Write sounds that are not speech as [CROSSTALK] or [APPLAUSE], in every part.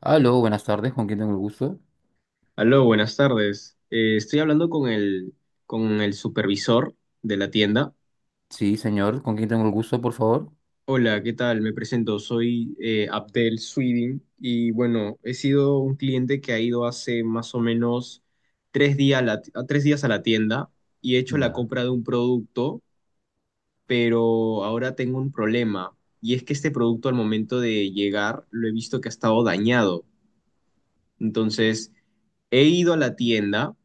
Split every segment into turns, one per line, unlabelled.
Aló, buenas tardes, ¿con quién tengo el gusto?
Aló, buenas tardes. Estoy hablando con el supervisor de la tienda.
Sí, señor, ¿con quién tengo el gusto, por favor?
Hola, ¿qué tal? Me presento, soy Abdel Swidin, y bueno, he sido un cliente que ha ido hace más o menos tres días a la, a 3 días a la tienda y he hecho la
Ya,
compra de un producto, pero ahora tengo un problema, y es que este producto al momento de llegar lo he visto que ha estado dañado. Entonces, he ido a la tienda,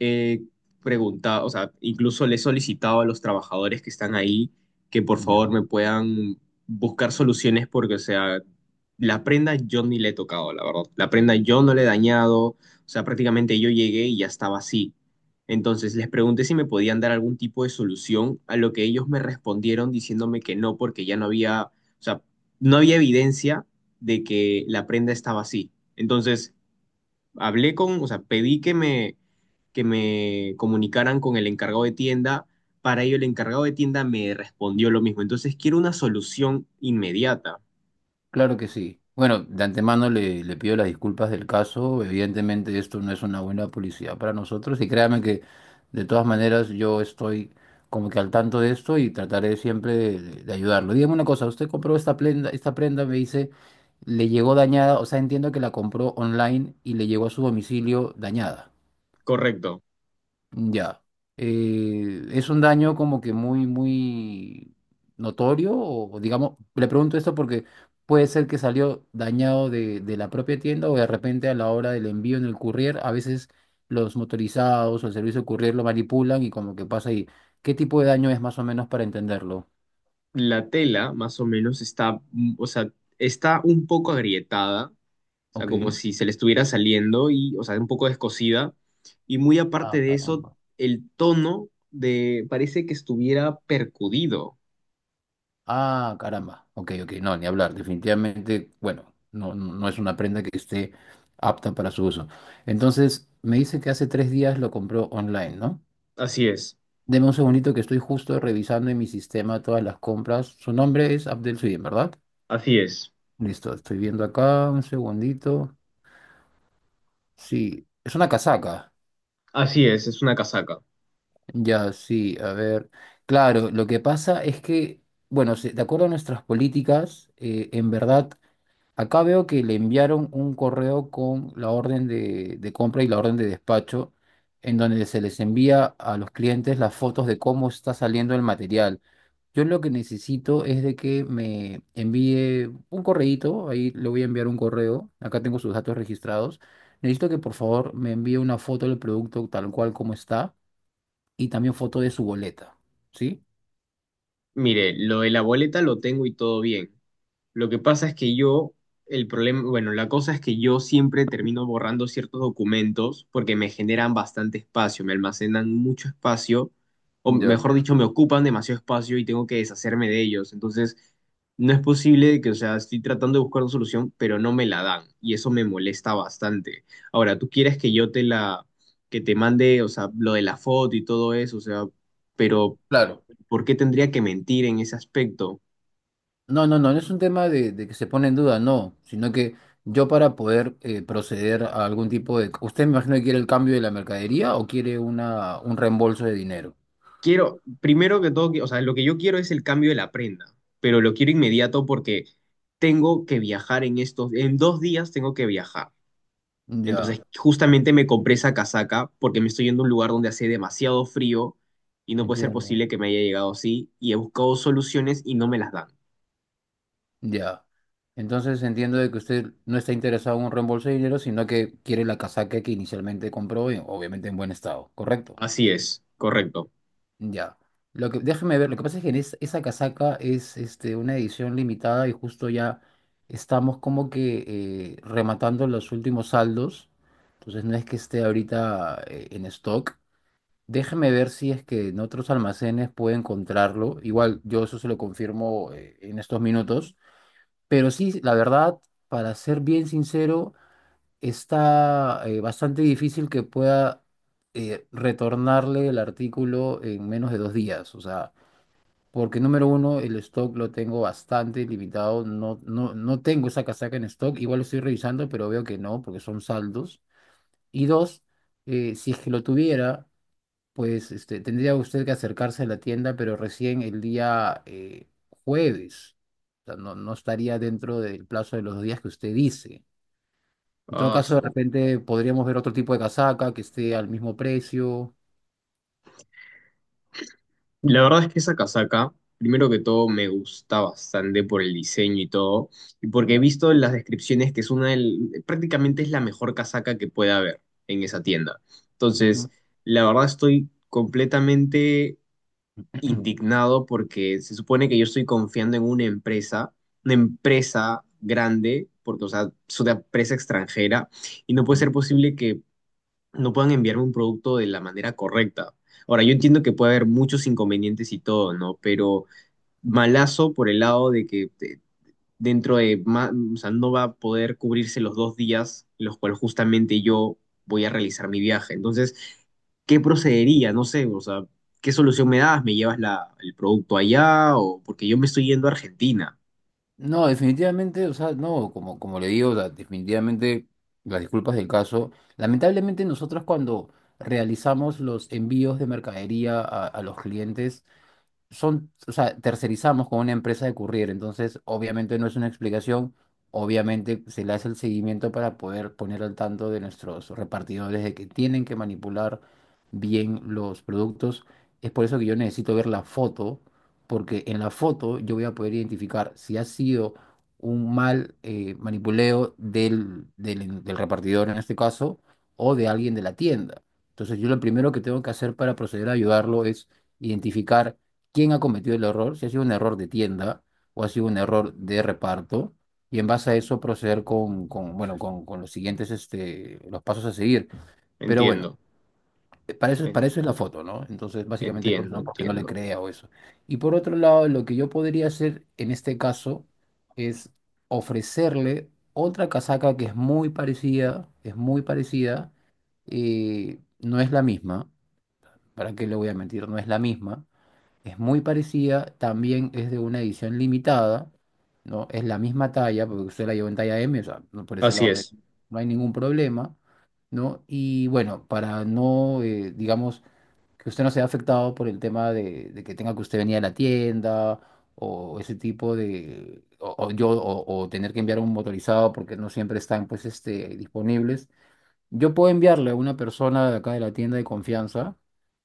he preguntado, o sea, incluso le he solicitado a los trabajadores que están ahí que por favor
ya.
me puedan buscar soluciones porque, o sea, la prenda yo ni le he tocado, la verdad. La prenda yo no le he dañado, o sea, prácticamente yo llegué y ya estaba así. Entonces les pregunté si me podían dar algún tipo de solución, a lo que ellos me respondieron diciéndome que no, porque ya no había, o sea, no había evidencia de que la prenda estaba así. Entonces hablé con, o sea, pedí que me comunicaran con el encargado de tienda. Para ello, el encargado de tienda me respondió lo mismo. Entonces, quiero una solución inmediata.
Claro que sí. Bueno, de antemano le pido las disculpas del caso. Evidentemente esto no es una buena publicidad para nosotros y créame que de todas maneras yo estoy como que al tanto de esto y trataré siempre de ayudarlo. Dígame una cosa, usted compró esta prenda, me dice, le llegó dañada, o sea, entiendo que la compró online y le llegó a su domicilio dañada.
Correcto.
Ya. ¿Es un daño como que muy, muy notorio? O digamos, le pregunto esto porque puede ser que salió dañado de la propia tienda o de repente a la hora del envío en el courier, a veces los motorizados o el servicio courier lo manipulan y como que pasa ahí. ¿Qué tipo de daño es más o menos para entenderlo?
La tela, más o menos, está, o sea, está un poco agrietada, o sea,
Ok.
como si se le estuviera saliendo y, o sea, un poco descosida. Y muy
Ah,
aparte de eso,
caramba.
el tono de, parece que estuviera percudido.
Ah, caramba. Ok, ok. No, ni hablar. Definitivamente, bueno, no, no es una prenda que esté apta para su uso. Entonces, me dice que hace 3 días lo compró online, ¿no?
Así es,
Deme un segundito que estoy justo revisando en mi sistema todas las compras. Su nombre es Abdel Suyem, ¿verdad?
así es,
Listo, estoy viendo acá un segundito. Sí, es una casaca.
así es una casaca.
Ya, sí, a ver. Claro, lo que pasa es que, bueno, de acuerdo a nuestras políticas, en verdad. Acá veo que le enviaron un correo con la orden de compra y la orden de despacho, en donde se les envía a los clientes las fotos de cómo está saliendo el material. Yo lo que necesito es de que me envíe un correíto, ahí le voy a enviar un correo, acá tengo sus datos registrados. Necesito que por favor me envíe una foto del producto tal cual como está y también foto de su boleta, ¿sí?
Mire, lo de la boleta lo tengo y todo bien. Lo que pasa es que yo, el problema, bueno, la cosa es que yo siempre termino borrando ciertos documentos porque me generan bastante espacio, me almacenan mucho espacio, o
Ya,
mejor dicho, me ocupan demasiado espacio y tengo que deshacerme de ellos. Entonces, no es posible que, o sea, estoy tratando de buscar una solución, pero no me la dan y eso me molesta bastante. Ahora, tú quieres que yo te la, que te mande, o sea, lo de la foto y todo eso, o sea, pero
claro.
¿por qué tendría que mentir en ese aspecto?
No, no, no, no es un tema de que se pone en duda, no, sino que yo para poder proceder a algún tipo de... ¿Usted me imagino que quiere el cambio de la mercadería o quiere una, un reembolso de dinero?
Quiero, primero que todo, que- o sea, lo que yo quiero es el cambio de la prenda, pero lo quiero inmediato porque tengo que viajar en estos, en 2 días tengo que viajar. Entonces,
Ya,
justamente me compré esa casaca porque me estoy yendo a un lugar donde hace demasiado frío y no puede ser
entiendo.
posible que me haya llegado así, y he buscado soluciones y no me las dan.
Ya. Entonces entiendo de que usted no está interesado en un reembolso de dinero, sino que quiere la casaca que inicialmente compró, y obviamente en buen estado, ¿correcto?
Así es, correcto.
Ya. Lo que, déjeme ver, lo que pasa es que en esa casaca es una edición limitada y justo ya estamos como que rematando los últimos saldos. Entonces no es que esté ahorita en stock. Déjeme ver si es que en otros almacenes puede encontrarlo. Igual yo eso se lo confirmo en estos minutos. Pero sí, la verdad, para ser bien sincero, está bastante difícil que pueda retornarle el artículo en menos de 2 días. O sea, porque número uno, el stock lo tengo bastante limitado. No, no, no tengo esa casaca en stock. Igual lo estoy revisando, pero veo que no, porque son saldos. Y dos, si es que lo tuviera, pues tendría usted que acercarse a la tienda, pero recién el día jueves. O sea, no, no estaría dentro del plazo de los días que usted dice. En todo
Ah,
caso, de
su-
repente podríamos ver otro tipo de casaca que esté al mismo precio.
la verdad es que esa casaca, primero que todo, me gusta bastante por el diseño y todo, y porque he
Ya.
visto en las descripciones que es una del- prácticamente es la mejor casaca que puede haber en esa tienda. Entonces,
Ujú.
la verdad estoy completamente
[CLEARS THROAT]
indignado porque se supone que yo estoy confiando en una empresa grande, porque, o sea, es una empresa extranjera, y no puede ser posible que no puedan enviarme un producto de la manera correcta. Ahora, yo entiendo que puede haber muchos inconvenientes y todo, ¿no? Pero malazo por el lado de que te- dentro de, ma- o sea, no va a poder cubrirse los 2 días en los cuales justamente yo voy a realizar mi viaje. Entonces, ¿qué procedería? No sé, o sea, ¿qué solución me das? ¿Me llevas la, el producto allá? O porque yo me estoy yendo a Argentina.
No, definitivamente, o sea, no, como le digo, o sea, definitivamente las disculpas del caso. Lamentablemente nosotros cuando realizamos los envíos de mercadería a los clientes, son, o sea, tercerizamos con una empresa de courier, entonces obviamente no es una explicación, obviamente se le hace el seguimiento para poder poner al tanto de nuestros repartidores de que tienen que manipular bien los productos. Es por eso que yo necesito ver la foto, porque en la foto yo voy a poder identificar si ha sido un mal manipuleo del repartidor en este caso o de alguien de la tienda. Entonces yo lo primero que tengo que hacer para proceder a ayudarlo es identificar quién ha cometido el error, si ha sido un error de tienda o ha sido un error de reparto, y en base a eso proceder con, bueno, con los siguientes, los pasos a seguir. Pero bueno,
Entiendo, en-
para eso es la foto, ¿no? Entonces, básicamente es por eso, ¿no? Porque no le
entiendo.
crea o eso. Y por otro lado, lo que yo podría hacer en este caso es ofrecerle otra casaca que es muy parecida, no es la misma, ¿para qué le voy a mentir? No es la misma, es muy parecida, también es de una edición limitada, ¿no? Es la misma talla, porque usted la llevó en talla M, o sea, por ese
Así
lado no hay,
es.
no hay ningún problema, ¿no? Y bueno, para no, digamos, que usted no sea afectado por el tema de que tenga que usted venir a la tienda o ese tipo de, o yo, o tener que enviar un motorizado porque no siempre están, pues, disponibles. Yo puedo enviarle a una persona de acá de la tienda de confianza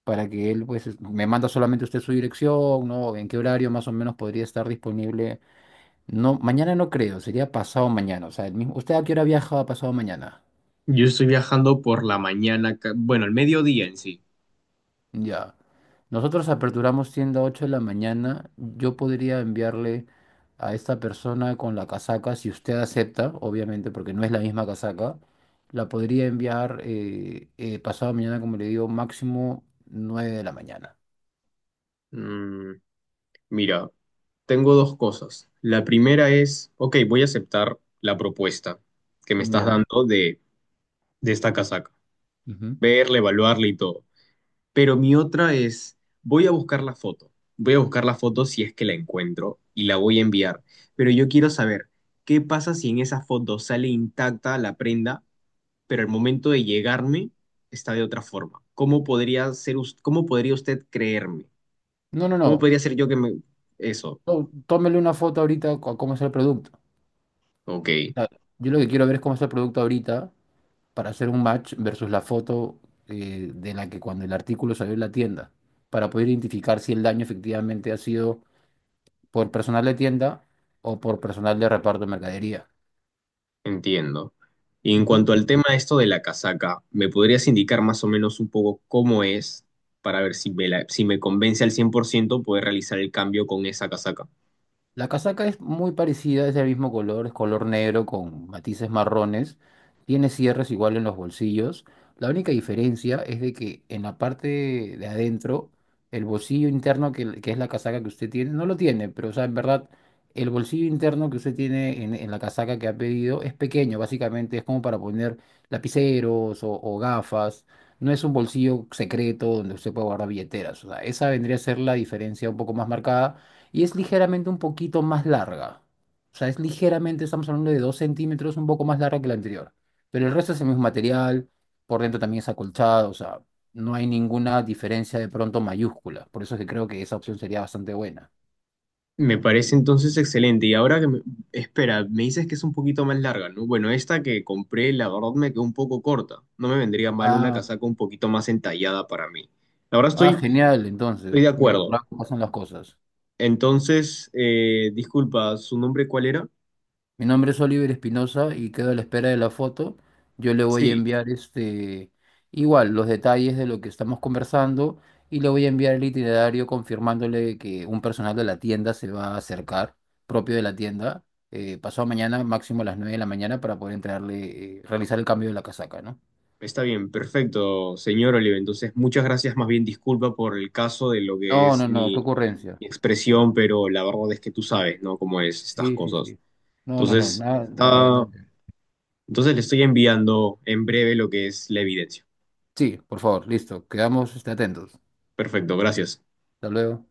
para que él pues me manda solamente usted su dirección, ¿no? En qué horario más o menos podría estar disponible. No, mañana no creo, sería pasado mañana. O sea, el mismo, ¿usted a qué hora viaja pasado mañana?
Yo estoy viajando por la mañana, ca- bueno, el mediodía en sí.
Ya. Nosotros aperturamos tienda 8 de la mañana. Yo podría enviarle a esta persona con la casaca, si usted acepta, obviamente, porque no es la misma casaca. La podría enviar pasado mañana, como le digo, máximo 9 de la mañana.
Mm, mira, tengo dos cosas. La primera es, ok, voy a aceptar la propuesta que me estás
Ya.
dando de esta casaca,
Ujú.
verla, evaluarla y todo. Pero mi otra es, voy a buscar la foto. Voy a buscar la foto si es que la encuentro y la voy a enviar. Pero yo quiero saber, ¿qué pasa si en esa foto sale intacta la prenda, pero al momento de llegarme está de otra forma? ¿Cómo podría ser, us- cómo podría usted creerme?
No, no,
¿Cómo
no.
podría ser yo que me... eso,
Tómele una foto ahorita a cómo es el producto. O
ok.
sea, yo lo que quiero ver es cómo es el producto ahorita para hacer un match versus la foto de la que cuando el artículo salió en la tienda, para poder identificar si el daño efectivamente ha sido por personal de tienda o por personal de reparto de mercadería.
Entiendo. Y en cuanto al tema de esto de la casaca, ¿me podrías indicar más o menos un poco cómo es para ver si me, la- si me convence al 100% poder realizar el cambio con esa casaca?
La casaca es muy parecida, es del mismo color, es color negro con matices marrones, tiene cierres igual en los bolsillos. La única diferencia es de que en la parte de adentro, el bolsillo interno que es la casaca que usted tiene, no lo tiene, pero o sea, en verdad, el bolsillo interno que usted tiene en la casaca que ha pedido es pequeño, básicamente es como para poner lapiceros o gafas. No es un bolsillo secreto donde usted puede guardar billeteras. O sea, esa vendría a ser la diferencia un poco más marcada y es ligeramente un poquito más larga. O sea, es ligeramente, estamos hablando de 2 centímetros, un poco más larga que la anterior. Pero el resto es el mismo material, por dentro también es acolchado, o sea, no hay ninguna diferencia de pronto mayúscula. Por eso es que creo que esa opción sería bastante buena.
Me parece entonces excelente. Y ahora que me... espera, me dices que es un poquito más larga, ¿no? Bueno, esta que compré, la verdad me quedó un poco corta. No me vendría mal una
Ah,
casaca un poquito más entallada para mí. La verdad
ah,
estoy,
genial,
estoy
entonces.
de
Mira,
acuerdo.
por algo pasan las cosas.
Entonces, disculpa, ¿su nombre cuál era?
Mi nombre es Oliver Espinosa y quedo a la espera de la foto. Yo le voy a
Sí.
enviar igual los detalles de lo que estamos conversando y le voy a enviar el itinerario confirmándole que un personal de la tienda se va a acercar, propio de la tienda, pasado mañana, máximo a las 9 de la mañana, para poder entregarle, realizar el cambio de la casaca, ¿no?
Está bien, perfecto, señor Olive. Entonces, muchas gracias. Más bien, disculpa por el caso de lo que
No, no,
es
no, qué
mi,
ocurrencia.
mi expresión,
Órale.
pero la verdad es que tú sabes, ¿no? Cómo es estas
Sí, sí,
cosas.
sí. No, no, no,
Entonces,
nada, nada,
está,
nada.
entonces le estoy enviando en breve lo que es la evidencia.
Sí, por favor, listo. Quedamos, atentos.
Perfecto, gracias.
Hasta luego.